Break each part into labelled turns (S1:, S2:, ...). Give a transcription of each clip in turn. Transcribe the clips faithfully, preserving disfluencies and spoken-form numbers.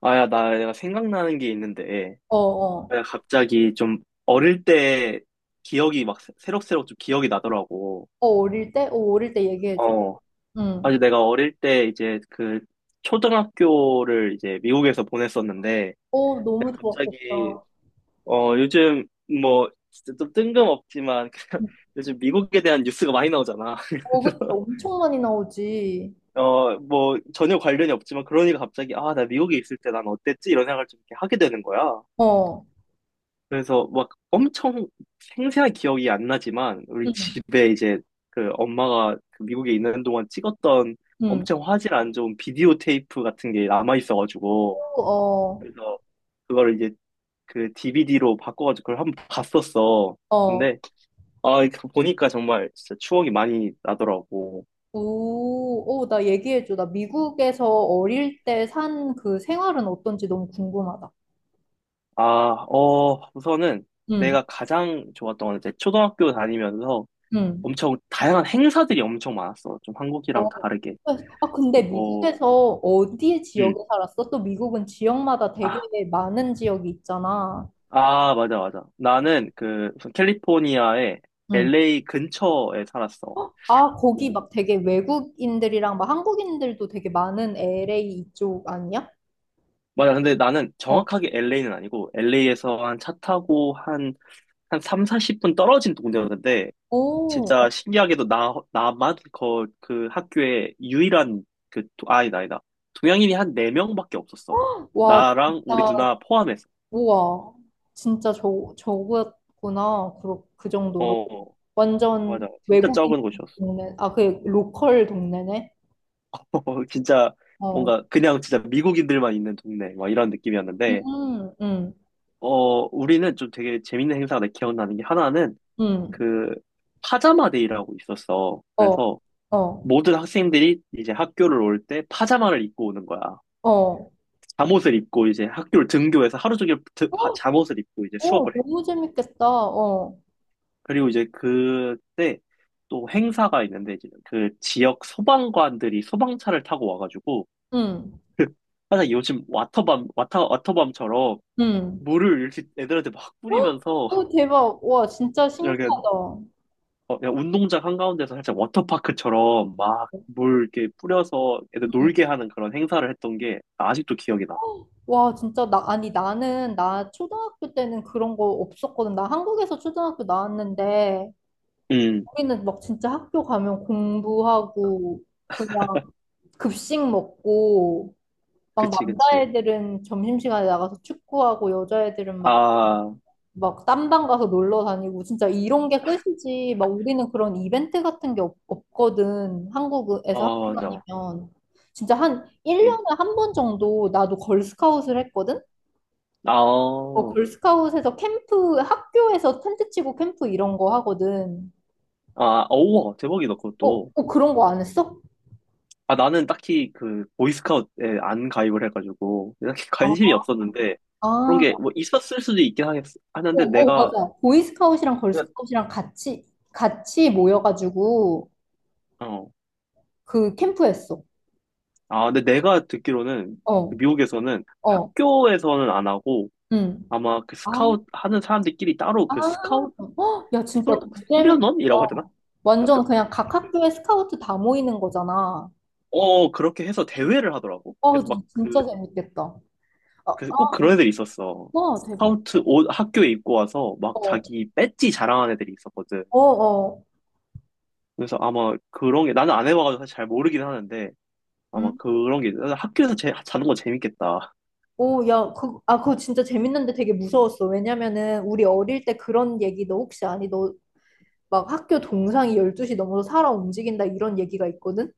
S1: 아, 야, 나 내가 생각나는 게 있는데,
S2: 어, 어.
S1: 내가 갑자기 좀 어릴 때 기억이 막 새- 새록새록 좀 기억이 나더라고.
S2: 어, 어릴 때? 어, 어릴 때 얘기해줘.
S1: 어. 아주
S2: 응.
S1: 내가 어릴 때 이제 그 초등학교를 이제 미국에서 보냈었는데,
S2: 어, 너무
S1: 내가 갑자기,
S2: 좋았겠다.
S1: 어, 요즘 뭐, 진짜 좀 뜬금없지만, 요즘 미국에 대한 뉴스가 많이 나오잖아.
S2: 어, 그치.
S1: 그래서
S2: 엄청 많이 나오지.
S1: 어, 뭐, 전혀 관련이 없지만, 그러니까 갑자기, 아, 나 미국에 있을 때 난 어땠지? 이런 생각을 좀 이렇게 하게 되는 거야.
S2: 어.
S1: 그래서 막 엄청 생생한 기억이 안 나지만 우리
S2: 응.
S1: 집에 이제 그 엄마가 그 미국에 있는 동안 찍었던
S2: 응.
S1: 엄청 화질 안 좋은 비디오 테이프 같은 게 남아 있어가지고
S2: 어,
S1: 그래서 그거를 이제 그 디비디로 바꿔가지고 그걸 한번 봤었어.
S2: 어.
S1: 근데 아이 보니까 정말 진짜 추억이 많이 나더라고.
S2: 오, 오, 나 얘기해줘. 나 미국에서 어릴 때 산 그 생활은 어떤지 너무 궁금하다.
S1: 아, 어 우선은
S2: 응,
S1: 내가 가장 좋았던 건 이제 초등학교 다니면서
S2: 응.
S1: 엄청 다양한 행사들이 엄청 많았어. 좀 한국이랑
S2: 어.
S1: 다르게.
S2: 아, 근데
S1: 뭐.
S2: 미국에서 어디 지역에
S1: 음.
S2: 살았어? 또 미국은 지역마다 되게
S1: 아,
S2: 많은 지역이 있잖아.
S1: 아, 맞아, 맞아. 나는 그 우선 캘리포니아의 엘에이 근처에 살았어.
S2: 아, 거기
S1: 뭐,
S2: 막 되게 외국인들이랑 막 한국인들도 되게 많은 엘에이 이쪽 아니야?
S1: 맞아. 근데 나는
S2: 어.
S1: 정확하게 엘에이는 아니고 엘에이에서 한 차 타고 한, 한삼 사십 분 떨어진 동네였는데
S2: 오, 어.
S1: 진짜 신기하게도 나, 나만 그, 그 학교에 유일한 그, 도- 아, 아니다, 아니다. 동양인이 한 네 명밖에 없었어.
S2: 와,
S1: 나랑 우리
S2: 진짜,
S1: 누나 포함해서.
S2: 우와. 진짜 저, 저거였구나. 그, 그 정도로.
S1: 어, 맞아.
S2: 완전
S1: 진짜 적은
S2: 외국인
S1: 곳이었어.
S2: 동네. 아, 그 로컬 동네네?
S1: 어, 진짜
S2: 어.
S1: 뭔가 그냥 진짜 미국인들만 있는 동네 막 이런 느낌이었는데
S2: 음, 음,
S1: 어 우리는 좀 되게 재밌는 행사가 기억나는 게 하나는
S2: 음.
S1: 그 파자마 데이라고 있었어.
S2: 어,
S1: 그래서
S2: 어,
S1: 모든 학생들이 이제 학교를 올 때 파자마를 입고 오는 거야.
S2: 어.
S1: 잠옷을 입고 이제 학교를 등교해서 하루 종일 드- 파-
S2: 헉!
S1: 잠옷을 입고 이제
S2: 어,
S1: 수업을 해.
S2: 너무 재밌겠다. 어.
S1: 그리고 이제 그때 또 행사가 있는데 이제 그 지역 소방관들이 소방차를 타고 와가지고
S2: 음,
S1: 항상 요즘 와터밤 와터 와터밤처럼
S2: 음.
S1: 물을 이렇게 애들한테 막
S2: 헉!
S1: 뿌리면서
S2: 오, 대박. 와, 진짜
S1: 이렇게
S2: 신기하다.
S1: 어, 그냥 운동장 한가운데서 살짝 워터파크처럼 막 물 이렇게 뿌려서 애들
S2: 음.
S1: 놀게 하는 그런 행사를 했던 게 아직도 기억이 나.
S2: 와, 진짜, 나, 아니, 나는, 나 초등학교 때는 그런 거 없었거든. 나 한국에서 초등학교 나왔는데,
S1: 음,
S2: 우리는 막 진짜 학교 가면 공부하고, 그냥 급식 먹고, 막
S1: 그치, 그치.
S2: 남자애들은 점심시간에 나가서 축구하고, 여자애들은 막,
S1: 아,
S2: 막 딴방 가서 놀러 다니고, 진짜 이런 게 끝이지. 막 우리는 그런 이벤트 같은 게 없, 없거든. 한국에서
S1: 어,
S2: 학교
S1: 맞아.
S2: 다니면. 진짜 한
S1: 예.
S2: 일 년에 한 번 정도 나도 걸스카웃을 했거든?
S1: 아,
S2: 어,
S1: 아,
S2: 걸스카웃에서 캠프, 학교에서 텐트 치고 캠프 이런 거 하거든.
S1: 어우와, 대박이다,
S2: 어,
S1: 그것도.
S2: 어, 그런 거 안 했어?
S1: 아, 나는 딱히 그, 보이스카우트에 안 가입을 해가지고, 딱히 관심이
S2: 아,
S1: 없었는데, 그런 게
S2: 아,
S1: 뭐 있었을 수도 있긴 하겠,
S2: 어,
S1: 하는데,
S2: 어,
S1: 내가,
S2: 맞아. 보이스카웃이랑
S1: 그냥,
S2: 걸스카웃이랑 같이, 같이 모여가지고
S1: 어,
S2: 그 캠프 했어.
S1: 아, 근데 내가 듣기로는 그
S2: 어,
S1: 미국에서는
S2: 어,
S1: 학교에서는 안 하고
S2: 응.
S1: 아마 그
S2: 아,
S1: 스카웃 하는 사람들끼리 따로
S2: 아,
S1: 그 스카웃
S2: 헉, 야, 진짜
S1: 수,
S2: 너무 재밌다.
S1: 수련원이라고 하잖아? 그-
S2: 완전 그냥 각 학교에 스카우트 다 모이는 거잖아.
S1: 어, 그렇게 해서 대회를 하더라고.
S2: 아,
S1: 그래서 막 그,
S2: 진짜 재밌겠다. 아,
S1: 그, 꼭
S2: 아,
S1: 그런 애들이 있었어.
S2: 와, 대박.
S1: 스카우트
S2: 응.
S1: 옷 학교에 입고 와서 막
S2: 어,
S1: 자기 배지 자랑하는 애들이 있었거든.
S2: 어, 어.
S1: 그래서 아마 그런 게 나는 안 해봐가지고 사실 잘 모르긴 하는데 아마
S2: 음.
S1: 그런 게 학교에서 제, 자는 거 재밌겠다.
S2: 오, 야, 그, 아, 그거 진짜 재밌는데 되게 무서웠어. 왜냐면은 우리 어릴 때 그런 얘기 너 혹시 아니? 너 막 학교 동상이 열두 시 넘어서 살아 움직인다 이런 얘기가 있거든?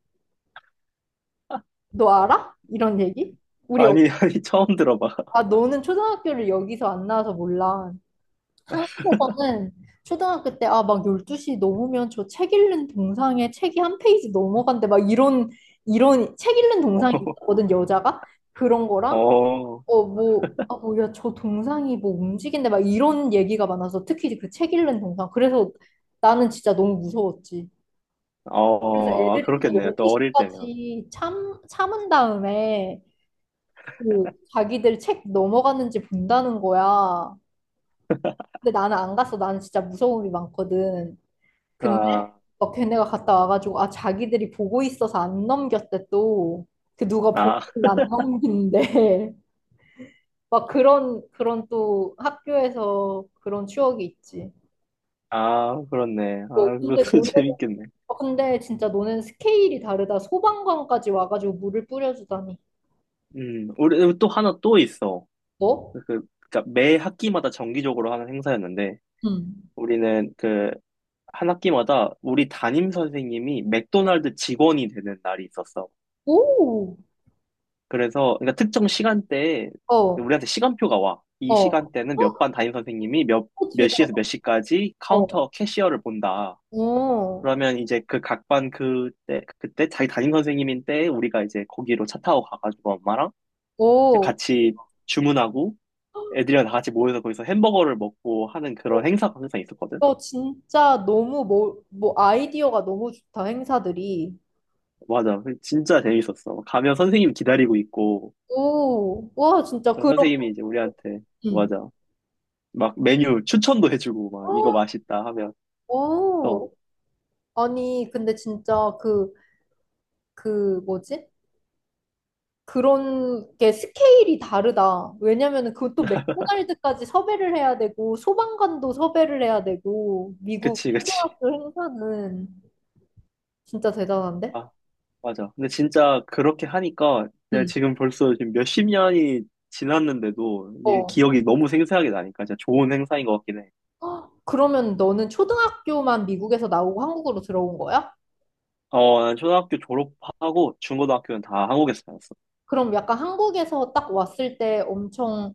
S2: 너 알아? 이런 얘기? 우리, 어-
S1: 아니, 아니, 처음 들어봐.
S2: 아, 너는 초등학교를 여기서 안 나와서 몰라. 한국에서는 초등학교 때, 아, 막 열두 시 넘으면 저 책 읽는 동상에 책이 한 페이지 넘어간대. 막 이런, 이런 책 읽는 동상이 있거든, 여자가? 그런
S1: 어,
S2: 거랑
S1: 어.
S2: 어, 뭐, 아, 뭐, 야, 저 동상이 뭐 움직인데 막 이런 얘기가 많아서 특히 그 책 읽는 동상. 그래서 나는 진짜 너무 무서웠지. 그래서
S1: 어,
S2: 애들이 다
S1: 그렇겠네요. 또 어릴 때면.
S2: 열두 시까지 참, 참은 다음에 그 자기들 책 넘어갔는지 본다는 거야. 근데 나는 안 갔어. 나는 진짜 무서움이 많거든. 근데
S1: 아,
S2: 막 걔네가 갔다 와가지고 아, 자기들이 보고 있어서 안 넘겼대 또. 그 누가 보고
S1: 아,
S2: 안 넘긴대. 막 그런, 그런 또 학교에서 그런 추억이 있지.
S1: 아, 그렇네.
S2: 뭐,
S1: 아,
S2: 근데
S1: 그것도
S2: 너는,
S1: 재밌겠네.
S2: 어, 근데 진짜 너는 스케일이 다르다. 소방관까지 와가지고 물을 뿌려주다니.
S1: 음, 우리 또 하나 또 있어.
S2: 너?
S1: 그, 그러니까 매 학기마다 정기적으로 하는 행사였는데,
S2: 응.
S1: 우리는 그, 한 학기마다 우리 담임 선생님이 맥도날드 직원이 되는 날이 있었어.
S2: 오!
S1: 그래서, 그러니까 특정 시간대에
S2: 어,
S1: 우리한테 시간표가 와. 이
S2: 어.
S1: 시간대는 몇 반 담임 선생님이 몇,
S2: 어,
S1: 몇
S2: 대박.
S1: 시에서 몇 시까지
S2: 어,
S1: 카운터 캐시어를 본다.
S2: 어,
S1: 그러면 이제 그 각반 그때 그때 자기 담임 선생님인 때 우리가 이제 거기로 차 타고 가가지고 엄마랑 이제
S2: 어.
S1: 같이 주문하고 애들이랑 다 같이 모여서 거기서 햄버거를 먹고 하는 그런
S2: 어,
S1: 행사가 항상 있었거든.
S2: 너 진짜 너무 뭐, 뭐 아이디어가 너무 좋다, 행사들이.
S1: 맞아, 진짜 재밌었어. 가면 선생님 기다리고 있고
S2: 오, 와, 진짜 그런,
S1: 선생님이 이제 우리한테,
S2: 응.
S1: 맞아, 막 메뉴 추천도 해주고 막 이거
S2: 어,
S1: 맛있다 하면, 어,
S2: 어. 아니, 근데 진짜 그, 그 뭐지? 그런 게 스케일이 다르다. 왜냐면은 그것도 맥도날드까지 섭외를 해야 되고 소방관도 섭외를 해야 되고 미국
S1: 그치, 그치.
S2: 초등학교 행사는 진짜 대단한데?
S1: 아, 맞아. 근데 진짜 그렇게 하니까 내가
S2: 응.
S1: 지금 벌써 지금 몇십 년이 지났는데도 이
S2: 어.
S1: 기억이 너무 생생하게 나니까 진짜 좋은 행사인 것 같긴 해.
S2: 헉, 그러면 너는 초등학교만 미국에서 나오고 한국으로 들어온 거야?
S1: 어, 난 초등학교 졸업하고 중고등학교는 다 한국에서 다녔어.
S2: 그럼 약간 한국에서 딱 왔을 때 엄청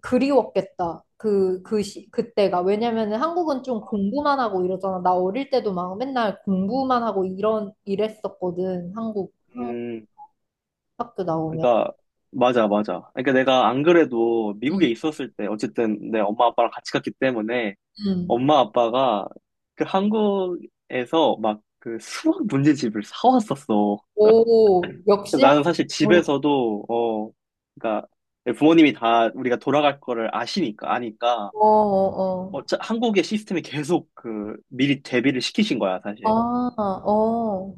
S2: 그리웠겠다. 그, 그 시, 그때가. 왜냐면은 한국은 좀 공부만 하고 이러잖아. 나 어릴 때도 막 맨날 공부만 하고 이런, 이랬었거든. 한국.
S1: 음,
S2: 학교 나오면.
S1: 그러니까 맞아, 맞아. 그러니까 내가 안 그래도 미국에
S2: 음.
S1: 있었을 때 어쨌든 내 엄마 아빠랑 같이 갔기 때문에
S2: 음.
S1: 엄마 아빠가 그 한국에서 막 그 수학 문제집을 사왔었어.
S2: 오, 역시 학-
S1: 나는 사실
S2: 어,
S1: 집에서도, 어, 그러니까 부모님이 다 우리가 돌아갈 거를 아시니까, 아니까,
S2: 어, 어,
S1: 어,
S2: 어.
S1: 짜- 한국의 시스템이 계속 그, 미리 대비를 시키신 거야,
S2: 아,
S1: 사실.
S2: 어,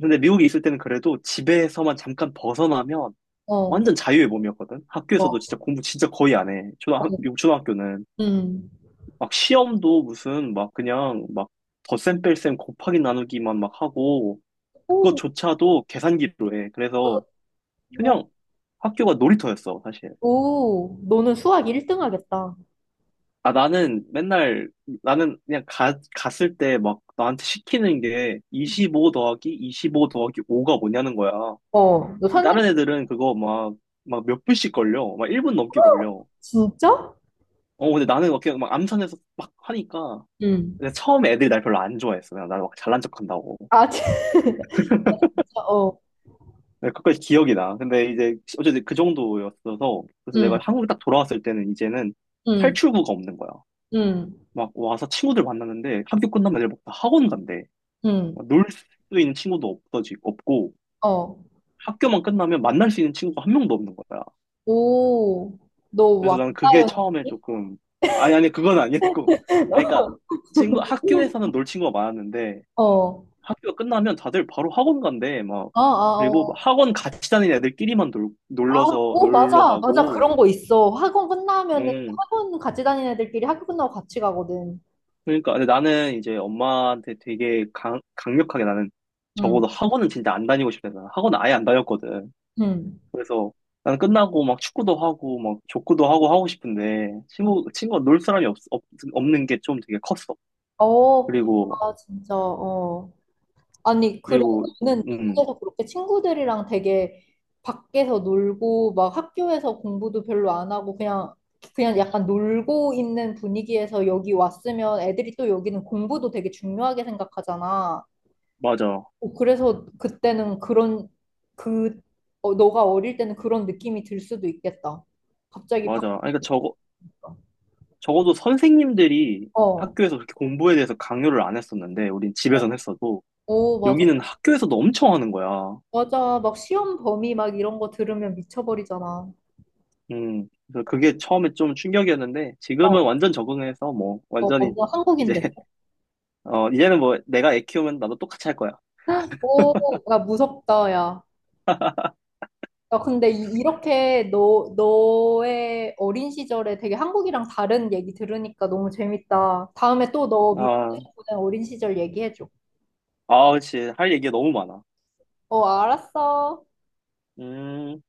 S1: 근데 미국에 있을 때는 그래도 집에서만 잠깐 벗어나면
S2: 어,
S1: 완전 자유의 몸이었거든? 학교에서도
S2: 어,
S1: 진짜 공부 진짜 거의 안 해.
S2: 어.
S1: 초등학, 미국 초등학교는.
S2: 음.
S1: 막 시험도 무슨 막 그냥 막 덧셈 뺄셈 곱하기 나누기만 막 하고,
S2: 오,
S1: 그것조차도 계산기로 해. 그래서
S2: 어,
S1: 그냥 학교가 놀이터였어, 사실.
S2: 오, 너는 수학 일 등 하겠다.
S1: 아, 나는 맨날, 나는 그냥 가, 갔을 때 막 나한테 시키는 게 이십오 더하기 이십오 더하기 오가 뭐냐는 거야.
S2: 어, 너
S1: 근데
S2: 선생님,
S1: 다른 애들은 그거 막, 막 몇 분씩 걸려. 막 일 분 넘게 걸려.
S2: 진짜?
S1: 어, 근데 나는 막 그냥 막 암산해서 막 하니까.
S2: 음.
S1: 근데 처음에 애들이 날 별로 안 좋아했어. 그냥 나막 잘난 척 한다고.
S2: 아, 진짜, 어,
S1: 근데 그까지 기억이 나. 근데 이제, 어쨌든 그 정도였어서. 그래서 내가
S2: 음.
S1: 한국에 딱 돌아왔을 때는 이제는
S2: 음.
S1: 탈출구가 없는 거야.
S2: 음.
S1: 막 와서 친구들 만났는데 학교 끝나면 애들 막다 학원 간대.
S2: 음.
S1: 놀 수 있는 친구도 없어지, 없고,
S2: 어,
S1: 학교만 끝나면 만날 수 있는 친구가 한 명도 없는 거야.
S2: 오, 너
S1: 그래서 나는 그게
S2: 왕따였,
S1: 처음에 조금, 아니, 아니, 그건 아니었고. 아니, 그러니까, 친구, 학교에서는 놀 친구가 많았는데,
S2: 어,
S1: 학교가 끝나면 다들 바로 학원 간대, 막.
S2: 아, 아,
S1: 그리고 막
S2: 어.
S1: 학원 같이 다니는 애들끼리만 놀,
S2: 아,
S1: 놀러서,
S2: 오,
S1: 놀러
S2: 맞아, 맞아.
S1: 가고.
S2: 그런 거 있어. 학원 끝나면은,
S1: 음.
S2: 학원 같이 다니는 애들끼리 학교 끝나고 같이 가거든.
S1: 그러니까, 근데 나는 이제 엄마한테 되게 강, 강력하게 나는
S2: 응,
S1: 적어도 학원은 진짜 안 다니고 싶다. 나는 학원 아예 안 다녔거든.
S2: 응.
S1: 그래서 난 끝나고 막 축구도 하고 막 족구도 하고 하고 싶은데 친구 친구가 놀 사람이 없, 없 없는 게 좀 되게 컸어.
S2: 어,
S1: 그리고
S2: 아, 진짜, 어. 아니, 그래,
S1: 그리고
S2: 너는
S1: 음,
S2: 미국에서 그렇게 친구들이랑 되게 밖에서 놀고, 막 학교에서 공부도 별로 안 하고, 그냥, 그냥, 약간 놀고 있는 분위기에서 여기 왔으면 애들이 또 여기는 공부도 되게 중요하게 생각하잖아.
S1: 맞아,
S2: 어, 그래서 그때는 그런 그 어, 너가 어릴 때는 그런 느낌이 들 수도 있겠다. 갑자기
S1: 맞아.
S2: 바,
S1: 아니, 그러니까 적어 적어도 선생님들이
S2: 어,
S1: 학교에서 그렇게 공부에 대해서 강요를 안 했었는데 우린
S2: 어,
S1: 집에선 했어도
S2: 오, 맞아,
S1: 여기는 학교에서도 엄청 하는 거야.
S2: 맞아. 막 시험 범위 막 이런 거 들으면 미쳐버리잖아.
S1: 음, 그래서 그게 처음에 좀 충격이었는데 지금은
S2: 어,
S1: 완전 적응해서 뭐
S2: 어,
S1: 완전히
S2: 뭔가
S1: 이제
S2: 한국인데.
S1: 어, 이제는 뭐 내가 애 키우면 나도 똑같이 할 거야.
S2: 오, 야, 무섭다, 야. 야, 근데 이, 이렇게 너, 너의 어린 시절에 되게 한국이랑 다른 얘기 들으니까 너무 재밌다. 다음에 또 너 미국에서
S1: 아,
S2: 보낸 어린 시절 얘기해줘.
S1: 아, 그치. 할 얘기가 너무 많아.
S2: 어, 알았어.
S1: 음,